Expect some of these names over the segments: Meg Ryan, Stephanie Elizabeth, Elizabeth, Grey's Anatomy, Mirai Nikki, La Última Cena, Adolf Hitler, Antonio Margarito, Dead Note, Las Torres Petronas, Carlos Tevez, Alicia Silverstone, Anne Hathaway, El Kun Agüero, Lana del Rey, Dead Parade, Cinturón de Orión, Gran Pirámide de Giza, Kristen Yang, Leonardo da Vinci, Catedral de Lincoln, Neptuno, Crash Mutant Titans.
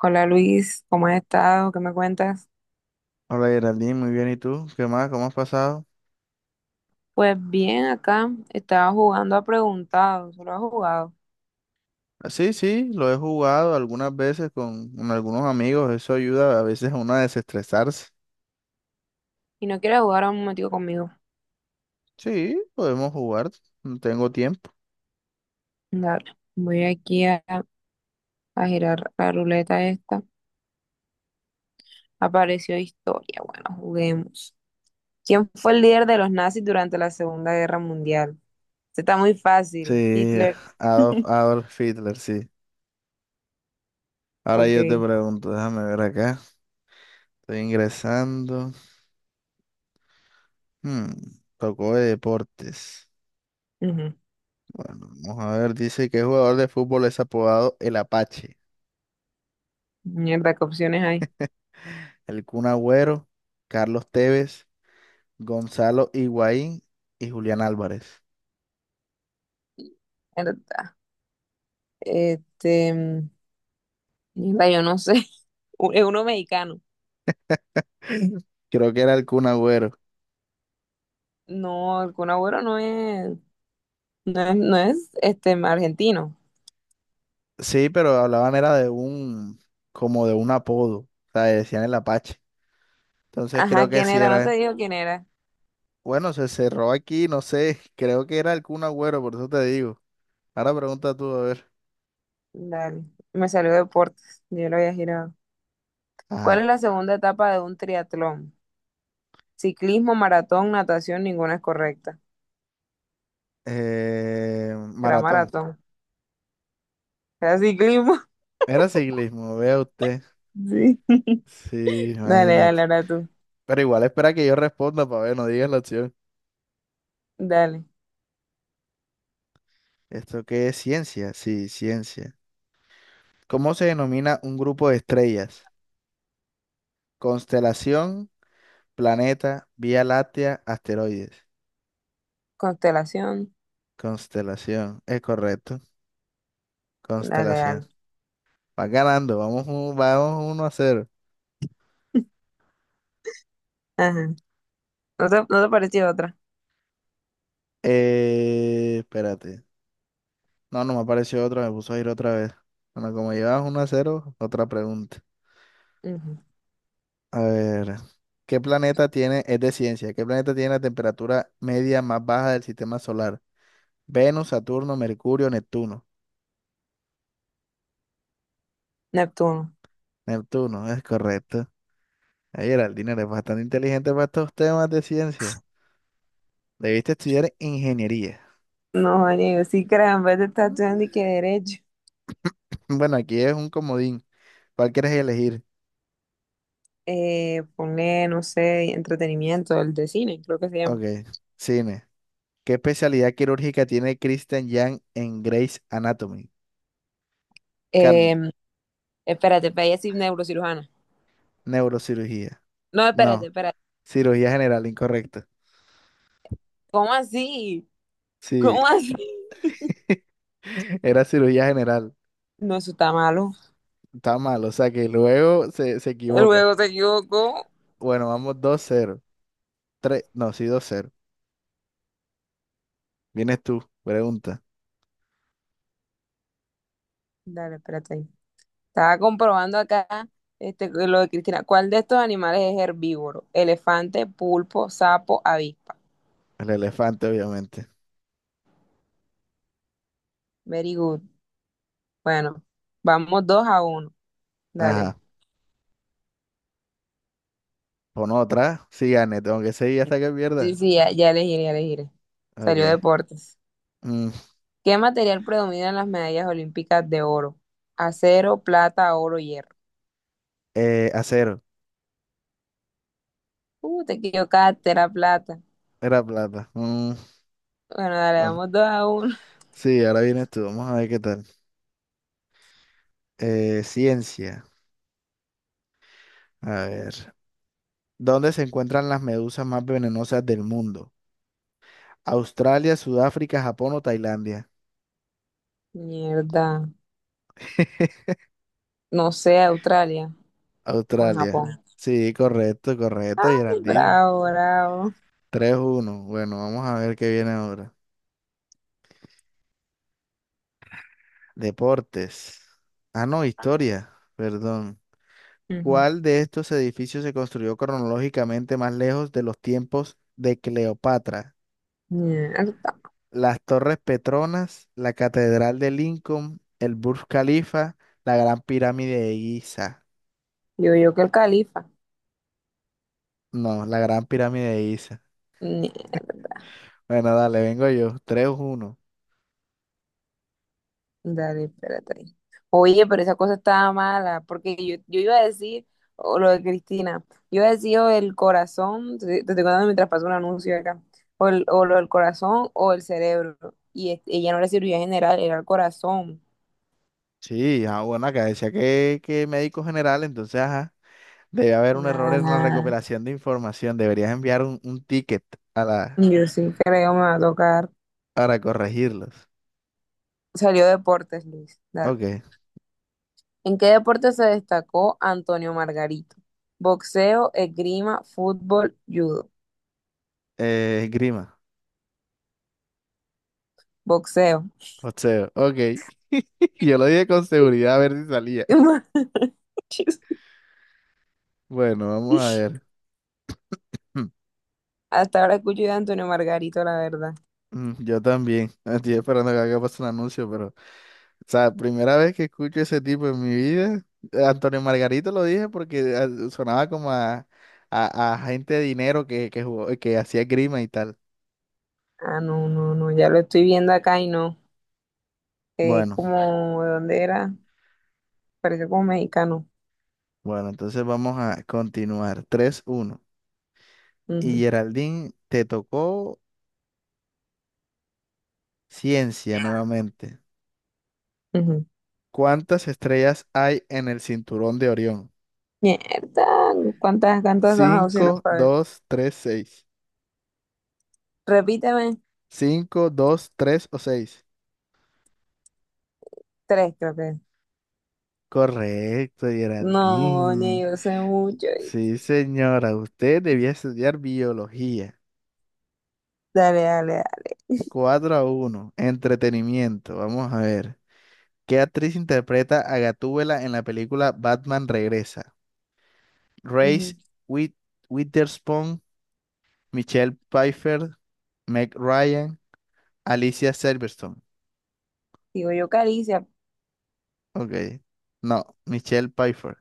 Hola Luis, ¿cómo has estado? ¿Qué me cuentas? Hola Geraldine, muy bien. ¿Y tú? ¿Qué más? ¿Cómo has pasado? Pues bien, acá estaba jugando a preguntado, solo ha jugado. Sí, sí, lo he jugado algunas veces con algunos amigos. Eso ayuda a veces a uno a desestresarse. Y no quiere jugar a un momentico conmigo. Sí, podemos jugar. No tengo tiempo. Dale, voy aquí a girar la ruleta esta. Apareció historia, bueno, juguemos. ¿Quién fue el líder de los nazis durante la Segunda Guerra Mundial? Este está muy fácil, Sí, Hitler. Adolf, Adolf Hitler, sí. Ahora yo te Ok. pregunto, déjame ver acá. Estoy ingresando. Hmm, Tocó de deportes. Ujú. Bueno, vamos a ver. Dice que jugador de fútbol es apodado el Apache. Mierda, ¿qué opciones hay? El Kun Agüero, Carlos Tevez, Gonzalo Higuaín y Julián Álvarez. Mierda. Este, mierda, yo no sé. Es uno mexicano. Creo que era el Kun Agüero. No, el Kun Agüero no es, no es este argentino. Sí, pero hablaban era de un, como de un apodo, o sea, decían el Apache. Entonces Ajá, creo que ¿quién sí era? No era te él. digo quién era. Bueno, se cerró aquí, no sé, creo que era el Kun Agüero, por eso te digo. Ahora pregunta tú, a ver. Dale, me salió deportes, yo lo había girado. ¿Cuál Ajá. es la segunda etapa de un triatlón? Ciclismo, maratón, natación, ninguna es correcta. Era Maratón. maratón. Era ciclismo. Era ciclismo, vea usted. Sí. Sí, Dale, imagínate. dale, ahora tú. Pero igual espera que yo responda para ver, no digas la opción. Dale. ¿Esto qué es? ¿Ciencia? Sí, ciencia. ¿Cómo se denomina un grupo de estrellas? Constelación, planeta, Vía Láctea, asteroides. Constelación. Constelación, es correcto. Dale, Constelación. dale. Va ganando, vamos uno a cero. Ajá. ¿No te pareció otra? Espérate. No, no me apareció otra, me puso a ir otra vez. Bueno, como llevas uno a cero, otra pregunta. Ujú. A ver, ¿qué planeta tiene, es de ciencia, ¿qué planeta tiene la temperatura media más baja del sistema solar? Venus, Saturno, Mercurio, Neptuno. Neptuno. Neptuno, es correcto. Ay, Geraldina, eres bastante inteligente para estos temas de ciencia. Debiste estudiar ingeniería. No, amigo, sí, caramba, te estás estudiando y Mm, que derecho. Bueno, aquí es un comodín. ¿Cuál quieres elegir? Ponle, no sé, entretenimiento, el de cine, creo que se Ok, llama. cine. ¿Qué especialidad quirúrgica tiene Kristen Yang en Grey's Anatomy? Eh, Cardi- Espérate, pero ella es neurocirujana. Neurocirugía. No, espérate, No, espérate. cirugía general, incorrecto. ¿Cómo así? Sí, ¿Cómo así? era cirugía general. No, eso está malo. Está mal, o sea que luego se equivoca. Luego se equivocó. Bueno, vamos dos cero. No, sí, dos cero. Vienes tú, pregunta. Dale, espérate ahí. Estaba comprobando acá este, lo de Cristina. ¿Cuál de estos animales es herbívoro? Elefante, pulpo, sapo, avispa. El elefante, obviamente. Very good. Bueno, vamos 2-1. Dale. Ajá. Pon otra. Sí, gane, tengo que seguir hasta que Sí, pierda. sí, ya, ya elegiré, ya elegiré. Salió Ok. deportes. Mm, ¿Qué material predomina en las medallas olímpicas de oro? Acero, plata, oro, hierro. eh, acero. Te equivocaste, era plata. Era plata. Bueno, dale, Bueno. damos 2-1. Sí, ahora vienes tú. Vamos a ver qué tal. Ciencia. A ver. ¿Dónde se encuentran las medusas más venenosas del mundo? Australia, Sudáfrica, Japón o Tailandia. Mierda. No sé, Australia o en Australia. Japón. Sí, correcto, correcto, Geraldine. Bravo, bravo. Tres uno. Bueno, vamos a ver qué viene ahora. Deportes. Ah, no, historia. Perdón. Ujú. ¿Cuál de estos edificios se construyó cronológicamente más lejos de los tiempos de Cleopatra? Mierda. Las Torres Petronas, la Catedral de Lincoln, el Burj Khalifa, la Gran Pirámide de Giza. Yo que el califa. No, la Gran Pirámide de Giza. Mierda. Bueno, dale, vengo yo. 3 uno. Dale, espérate ahí. Oye, pero esa cosa estaba mala, porque yo iba a decir, o lo de Cristina, yo iba a decir o el corazón, te estoy contando mientras pasó un anuncio acá, o, o lo del corazón o el cerebro, y ella no era cirugía general, era el corazón. Sí, ah, bueno, acá decía que médico general, entonces, ajá, debe haber un error Nada, en la nada. recopilación de información. Deberías enviar un ticket a la, Yo sí creo me va a tocar. para corregirlos. Salió deportes, Luis. Dale. Ok, ¿En qué deporte se destacó Antonio Margarito? Boxeo, esgrima, fútbol, judo. Esgrima. Boxeo. José, ok. Yo lo dije con seguridad a ver si salía. Manches. Bueno, vamos a ver. Hmm, Hasta ahora escucho de Antonio Margarito, la verdad. Yo también. Estoy esperando que acá pase un anuncio, pero, o sea, primera vez que escucho ese tipo en mi vida. Antonio Margarito lo dije porque sonaba como a, gente de dinero que, que hacía grima y tal. Ah, no, no, no, ya lo estoy viendo acá y no. Bueno, Como, ¿de dónde era? Parece como mexicano. bueno, entonces vamos a continuar. Tres uno. Y Ujú, Geraldine, te tocó ciencia nuevamente. ujú. ¿Cuántas estrellas hay en el cinturón de Orión? Mierda, ¿cuántas son las opciones Cinco, para ver? dos, tres, seis. Repíteme, Cinco, dos, 3 o seis. tres creo que. Es. Correcto, No, ni Geraldine. yo sé mucho. Y- Sí, señora, usted debía estudiar biología. Dale, dale, dale. Cuatro a uno. Entretenimiento, vamos a ver. ¿Qué actriz interpreta a Gatúbela en la película Batman Regresa? Reese Ujú. With Witherspoon, Michelle Pfeiffer, Meg Ryan, Alicia Silverstone. Digo yo Caricia, Ok. No, Michelle Pfeiffer.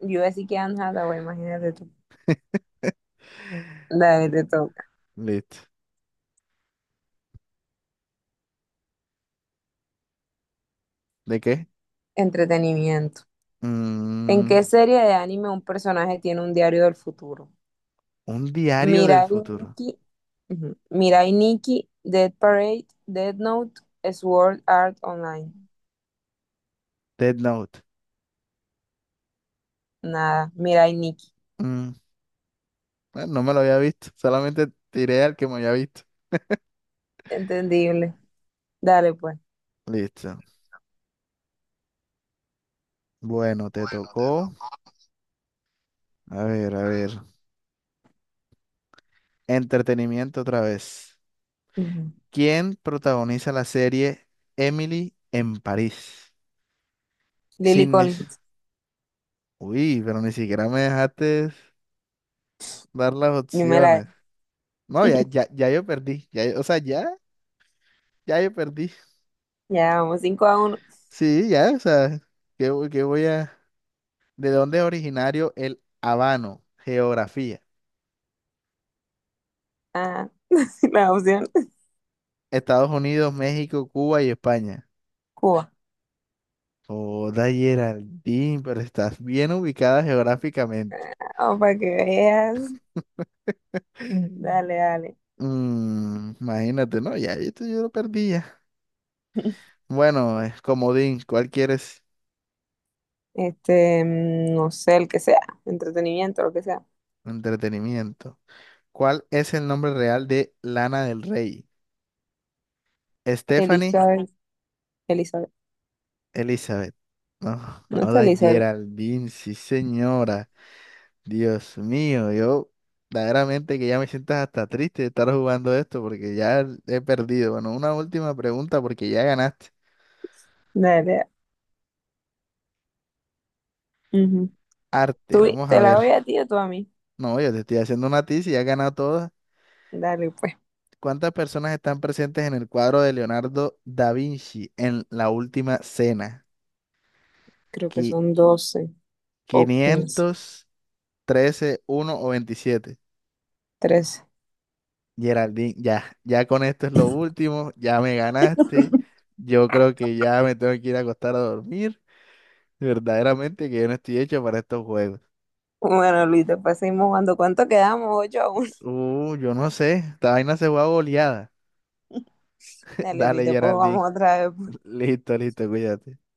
yo así que Anne Hathaway, imagínate tú. Dale, te toca. Listo. ¿De qué? Entretenimiento. ¿En Mm, qué serie de anime un personaje tiene un diario del futuro? un diario del Mirai futuro. Nikki, ujú, Mirai Nikki, Dead Parade, Dead Note, Sword Art Online. Dead Note. Nada, Mirai Nikki. Mm, bueno, no me lo había visto. Solamente tiré al que me había visto. Entendible. Dale, pues. Listo. Bueno, te tocó. A ver, a ver. Entretenimiento otra vez. Ujú. ¿Quién protagoniza la serie Emily en París? Lily Sidney. Collins, Uy, pero ni siquiera me dejaste dar las yo me la. opciones. No, ya, ya, ya yo perdí. Ya, o sea, ya, ya yo perdí. Ya vamos 5-1. Sí, ya, o sea, ¿qué, qué voy a...? ¿De dónde es originario el habano? Geografía. Ah, la opción Estados Unidos, México, Cuba y España. Cuba. Joda, Geraldine, pero estás bien ubicada geográficamente. Ah, para que veas. Dale, dale. Imagínate, ¿no? Ya, esto yo lo perdí ya. Bueno, es comodín. ¿Cuál quieres? Este, no sé, el que sea. Entretenimiento, lo que sea. Entretenimiento. ¿Cuál es el nombre real de Lana del Rey? Stephanie Elizabeth, Elizabeth. Elizabeth. No, No está joda, Elizabeth. Geraldine, sí, señora. Dios mío, yo verdaderamente que ya me sientas hasta triste de estar jugando esto porque ya he perdido. Bueno, una última pregunta porque ya ganaste. Dale, dale. Ujú. Arte, ¿Tú, vamos a te la ver. voy a ti o tú a mí? No, yo te estoy haciendo una tiza y ya has ganado todas. Dale, pues. ¿Cuántas personas están presentes en el cuadro de Leonardo da Vinci en La Última Cena? Creo que Qui- son 12, o 13. quinientos 13, uno o 27. Geraldine, ya, ya con esto es lo último, ya me ganaste. Yo creo que ya me tengo que ir a acostar a dormir. Verdaderamente que yo no estoy hecho para estos juegos. Bueno, Luis, después seguimos jugando. ¿Cuánto quedamos? 8-1. Yo no sé. Esta vaina se juega a goleada. Dale, Luis, Dale, después Geraldine. jugamos otra vez. Listo, listo, cuídate.